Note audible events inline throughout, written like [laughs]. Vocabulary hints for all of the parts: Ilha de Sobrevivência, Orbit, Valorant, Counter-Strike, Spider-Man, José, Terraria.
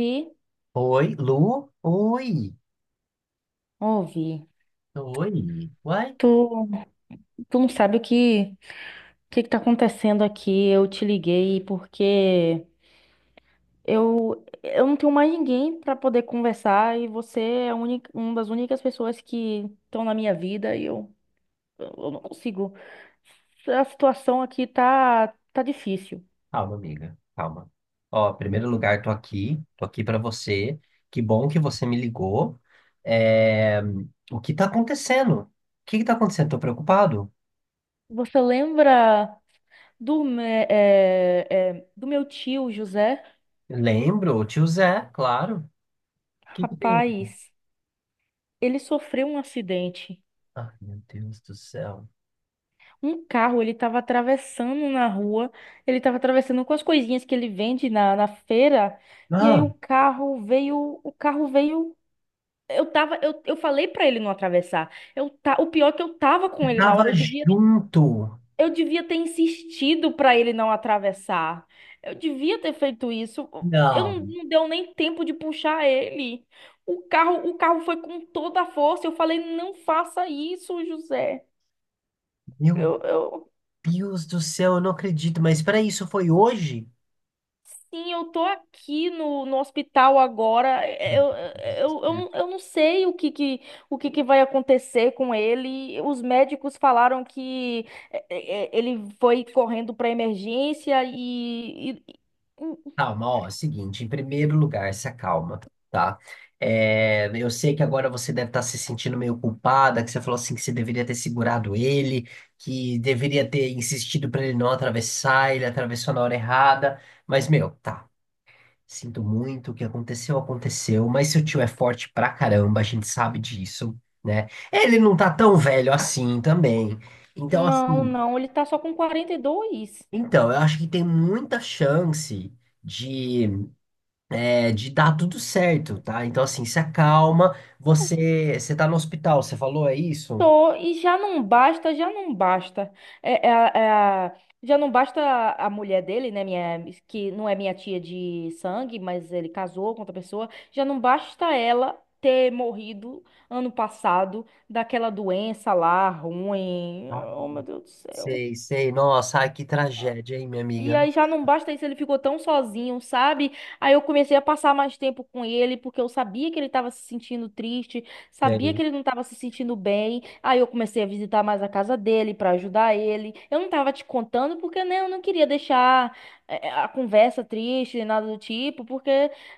Vi, Oi, Lu? Oi! ouvi. Oi! Uai? Tu, tu não sabe o que que tá acontecendo aqui. Eu te liguei porque eu não tenho mais ninguém pra poder conversar e você é a única, uma das únicas pessoas que estão na minha vida e eu não consigo. A situação aqui tá difícil. Calma, amiga. Calma. Ó, em primeiro lugar, tô aqui. Tô aqui pra você. Que bom que você me ligou. É, O que tá acontecendo? O que que tá acontecendo? Tô preocupado. Você lembra do, me- é, é, do meu tio José? Lembro, o tio Zé, claro. O que que tem? Rapaz, ele sofreu um acidente. Ai, meu Deus do céu. Um carro, ele estava atravessando na rua, ele estava atravessando com as coisinhas que ele vende na feira, e aí Ah, o carro veio, o carro veio. Eu falei pra ele não atravessar. O pior é que eu tava com ele na tava hora. eu devia, junto. eu devia ter insistido pra ele não atravessar. Eu devia ter feito isso. Eu não, Não, não deu nem tempo de puxar ele. O carro foi com toda a força. Eu falei, não faça isso, José. meu Eu Deus do céu, eu não acredito. Mas peraí, isso foi hoje? Sim, eu tô aqui no hospital agora. Eu não sei o que que vai acontecer com ele. Os médicos falaram que ele foi correndo para emergência. Calma, ó, é o seguinte, em primeiro lugar, se acalma, tá? É, eu sei que agora você deve estar se sentindo meio culpada, que você falou assim que você deveria ter segurado ele, que deveria ter insistido para ele não atravessar, ele atravessou na hora errada, mas, meu, tá, sinto muito, o que aconteceu, aconteceu, mas seu tio é forte pra caramba, a gente sabe disso, né? Ele não tá tão velho assim também, então, Não, assim, não, ele tá só com 42. então, eu acho que tem muita chance de... é de dar tudo certo, tá? Então, assim, se acalma. Você, você tá no hospital, você falou, é isso? Tô, e já não basta, já não basta. É, é a- é a- Já não basta a mulher dele, né? Minha, que não é minha tia de sangue, mas ele casou com outra pessoa. Já não basta ela ter morrido ano passado daquela doença lá ruim. Ah, Oh, meu Deus do céu. sei, sei. Nossa, ai, que tragédia, hein, minha E amiga? aí já não basta isso, ele ficou tão sozinho, sabe? Aí eu comecei a passar mais tempo com ele, porque eu sabia que ele estava se sentindo triste, sabia Sei. que ele não estava se sentindo bem. Aí eu comecei a visitar mais a casa dele para ajudar ele. Eu não tava te contando porque né, eu não queria deixar a conversa triste, nada do tipo, porque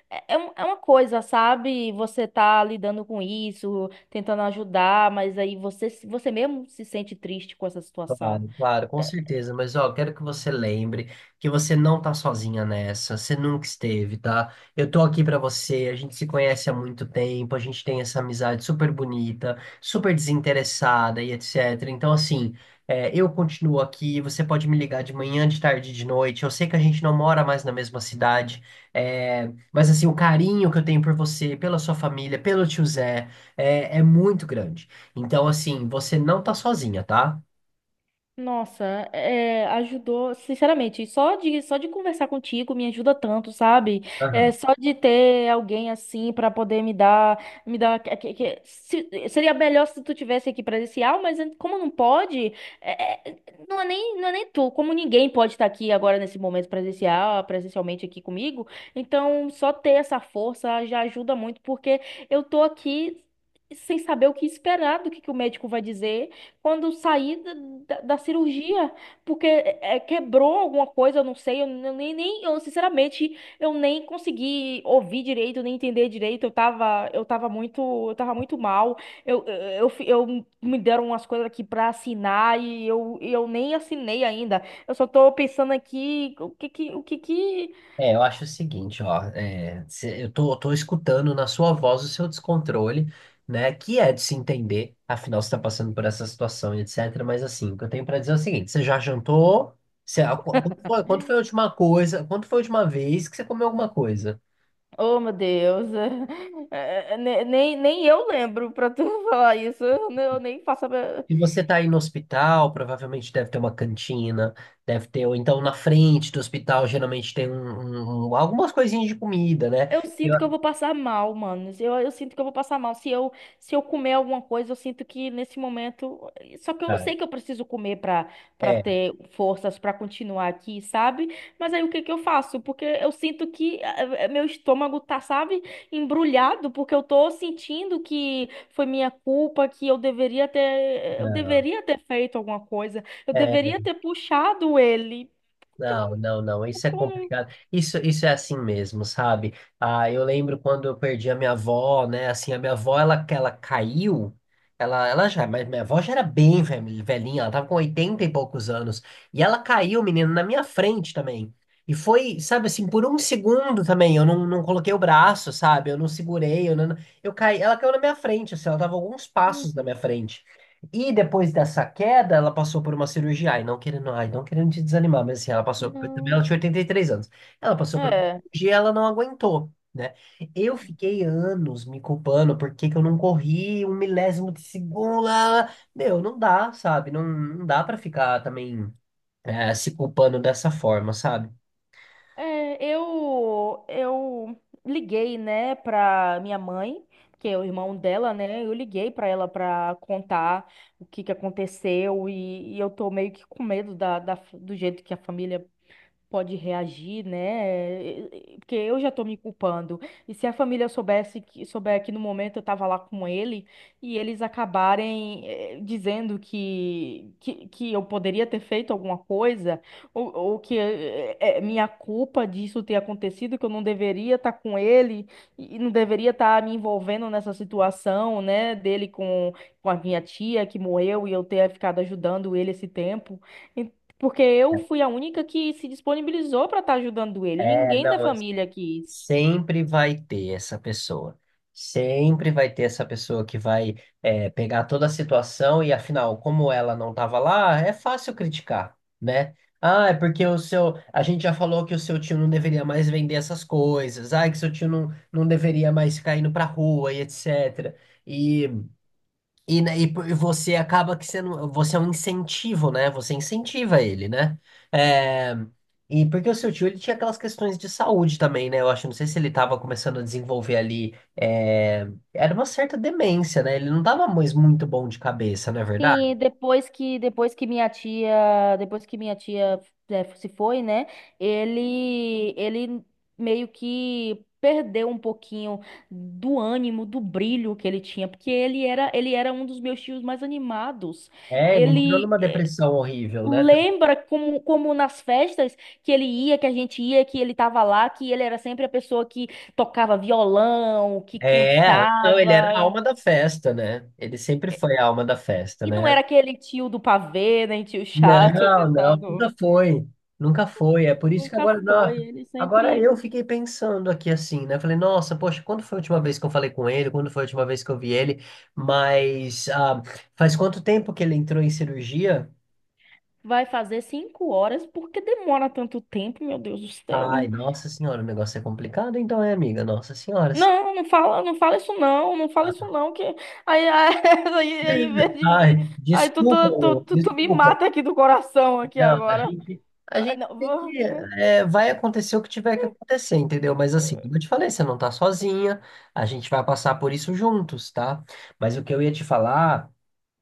é uma coisa, sabe? Você tá lidando com isso, tentando ajudar, mas aí você mesmo se sente triste com essa situação. Claro, claro, com certeza. Mas ó, quero que você lembre que você não tá sozinha nessa. Você nunca esteve, tá? Eu tô aqui pra você. A gente se conhece há muito tempo. A gente tem essa amizade super bonita, super desinteressada e etc. Então, assim, eu continuo aqui. Você pode me ligar de manhã, de tarde, de noite. Eu sei que a gente não mora mais na mesma cidade, é, mas assim, o carinho que eu tenho por você, pela sua família, pelo tio Zé, é, é muito grande. Então, assim, você não tá sozinha, tá? Nossa, ajudou, sinceramente, só de conversar contigo me ajuda tanto, sabe? Só de ter alguém assim pra poder me dar, que- se- seria melhor se tu tivesse aqui presencial, mas como não pode, é, é, não é nem tu, como ninguém pode estar aqui agora nesse momento presencial, presencialmente aqui comigo, então só ter essa força já ajuda muito, porque eu tô aqui sem saber o que esperar do que o médico vai dizer quando saí da cirurgia, porque quebrou alguma coisa, eu não sei, eu sinceramente, eu nem consegui ouvir direito, nem entender direito, eu tava muito mal, eu, eu, me deram umas coisas aqui pra assinar e eu nem assinei ainda, eu só tô pensando aqui. É, eu acho o seguinte, ó, é, cê- eu tô escutando na sua voz o seu descontrole, né, que é de se entender, afinal você tá passando por essa situação e etc, mas assim, o que eu tenho pra dizer é o seguinte, você já jantou? Você, a- qu- quando foi a última coisa, quando foi a última vez que você comeu alguma coisa? Oh, meu Deus. [laughs] é, é, ne- nem, nem Eu lembro pra tu [laughs] falar isso, eu nem faço. Se você tá aí no hospital, provavelmente deve ter uma cantina, deve ter, ou então na frente do hospital geralmente tem um, um- um- algumas coisinhas de comida, né? Eu Eu- sinto que eu vou passar mal, mano. Eu sinto que eu vou passar mal. Se eu comer alguma coisa, eu sinto que nesse momento. Só que eu Ah, sei que eu preciso comer pra é. ter forças pra continuar aqui, sabe? Mas aí o que que eu faço? Porque eu sinto que meu estômago tá, sabe, embrulhado, porque eu tô sentindo que foi minha culpa, que eu deveria ter feito alguma coisa, eu É, deveria ter puxado ele. Porque eu, Não, não- não, não, isso é porque eu não. complicado. Isso é assim mesmo, sabe? Ah, eu lembro quando eu perdi a minha avó, né? Assim, a minha avó, ela caiu, ela já, mas minha avó já era bem velhi- velhinha, ela tava com 80 e poucos anos. E ela caiu, menino, na minha frente também. E foi, sabe assim, por um segundo também, eu não, não coloquei o braço, sabe? Eu não segurei, eu não, eu caí, ela caiu na minha frente, assim, ela tava alguns passos na minha Uhum. frente. E depois dessa queda, ela passou por uma cirurgia. Ai, não querendo te desanimar, mas assim, ela passou. Também ela Não. tinha 83 anos. Ela passou por uma É. cirurgia, ela não aguentou, né? Eu É. fiquei anos me culpando por que que eu não corri um milésimo de segundo. Lá, lá. Meu, não dá, sabe? Não, não dá pra ficar também se culpando dessa forma, sabe? É, eu liguei, né, pra minha mãe, que é o irmão dela, né? Eu liguei pra ela pra contar o que que aconteceu e eu tô meio que com medo do jeito que a família pode reagir, né? Porque eu já tô me culpando. E se a família soubesse que souber que no momento eu tava lá com ele e eles acabarem dizendo que eu poderia ter feito alguma coisa ou que é minha culpa disso ter acontecido, que eu não deveria estar com ele e não deveria estar me envolvendo nessa situação, né, dele com a minha tia que morreu e eu ter ficado ajudando ele esse tempo. Porque eu fui a única que se disponibilizou para estar ajudando ele. É, Ninguém da não, família quis. sempre vai ter essa pessoa. Sempre vai ter essa pessoa que vai pegar toda a situação e, afinal, como ela não estava lá, é fácil criticar, né? Ah, é porque o seu. A gente já falou que o seu tio não deveria mais vender essas coisas. Ah, que seu tio não, não deveria mais ficar indo pra rua e etc. E e, né, e por- e você acaba que sendo, você é um incentivo, né? Você incentiva ele, né? É, e porque o seu tio ele tinha aquelas questões de saúde também, né? Eu acho, não sei se ele estava começando a desenvolver ali, é, era uma certa demência, né? Ele não estava mais muito bom de cabeça, não é verdade? Sim, depois que minha tia se foi, né? Ele meio que perdeu um pouquinho do ânimo, do brilho que ele tinha, porque ele era um dos meus tios mais animados. É, ele entrou Ele numa depressão horrível, né? Lembra como nas festas que ele ia, que a gente ia, que ele tava lá, que ele era sempre a pessoa que tocava violão, que É, não, ele era a cantava. alma da festa, né? Ele sempre foi a alma da festa, E não né? era aquele tio do pavê, nem tio chato [laughs] Não, não, nunca tentando. foi. Nunca foi. É por isso que Nunca agora, nó- foi. Ele agora sempre eu fiquei pensando aqui assim, né? Falei, nossa, poxa, quando foi a última vez que eu falei com ele? Quando foi a última vez que eu vi ele? Mas ah, faz quanto tempo que ele entrou em cirurgia? vai fazer 5 horas. Por que demora tanto tempo, meu Deus do céu? Ai, nossa senhora, o negócio é complicado, então é, amiga. Nossa senhora. Não, não fala, não fala isso não, não fala isso não, que aí, aí, [laughs] aí aí em vez de- Ai, aí tu, desculpa, tu, tu, ô, tu, tu me desculpa. mata aqui do coração aqui Não, agora. A Ah, gente não, é, vai acontecer o que tiver que acontecer, entendeu? Mas assim, como eu te falei, você não tá sozinha, a gente vai passar por isso juntos, tá? Mas o que eu ia te falar,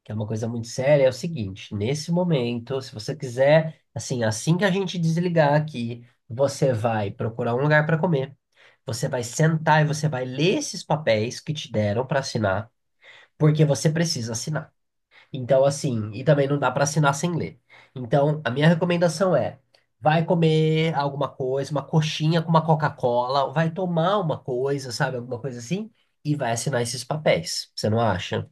que é uma coisa muito séria, é o seguinte: nesse momento, se você quiser, assim, assim que a gente desligar aqui, você vai procurar um lugar para comer, você vai sentar e você vai ler esses papéis que te deram para assinar, porque você precisa assinar. Então, assim, e também não dá para assinar sem ler. Então, a minha recomendação é: vai comer alguma coisa, uma coxinha com uma Coca-Cola, vai tomar uma coisa, sabe, alguma coisa assim, e vai assinar esses papéis. Você não acha?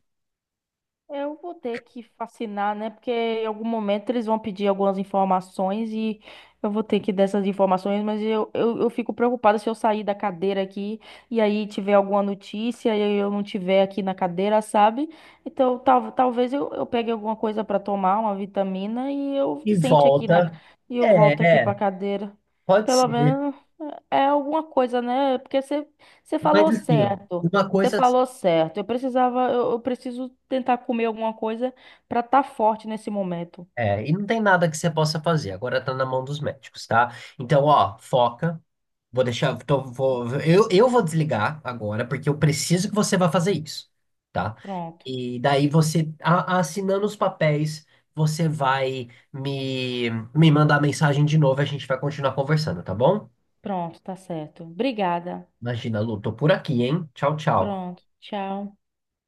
eu vou ter que fascinar, né? Porque em algum momento eles vão pedir algumas informações e eu vou ter que dar essas informações, mas eu fico preocupada se eu sair da cadeira aqui e aí tiver alguma notícia e eu não tiver aqui na cadeira, sabe? Então talvez eu pegue alguma coisa para tomar, uma vitamina, E volta. e eu volto É, aqui para é, cadeira. pode Pelo ser. menos. É alguma coisa, né? Porque você Mas falou assim, ó, certo. uma Você coisa. falou certo. Eu preciso tentar comer alguma coisa pra estar forte nesse momento. É, e não tem nada que você possa fazer, agora tá na mão dos médicos, tá? Então, ó, foca. Vou deixar. Tô, vou, eu vou desligar agora, porque eu preciso que você vá fazer isso, tá? Pronto, E daí você, a- assinando os papéis, você vai me, me mandar mensagem de novo e a gente vai continuar conversando, tá bom? pronto, tá certo. Obrigada. Imagina, Lu, tô por aqui, hein? Tchau, tchau. Pronto, tchau.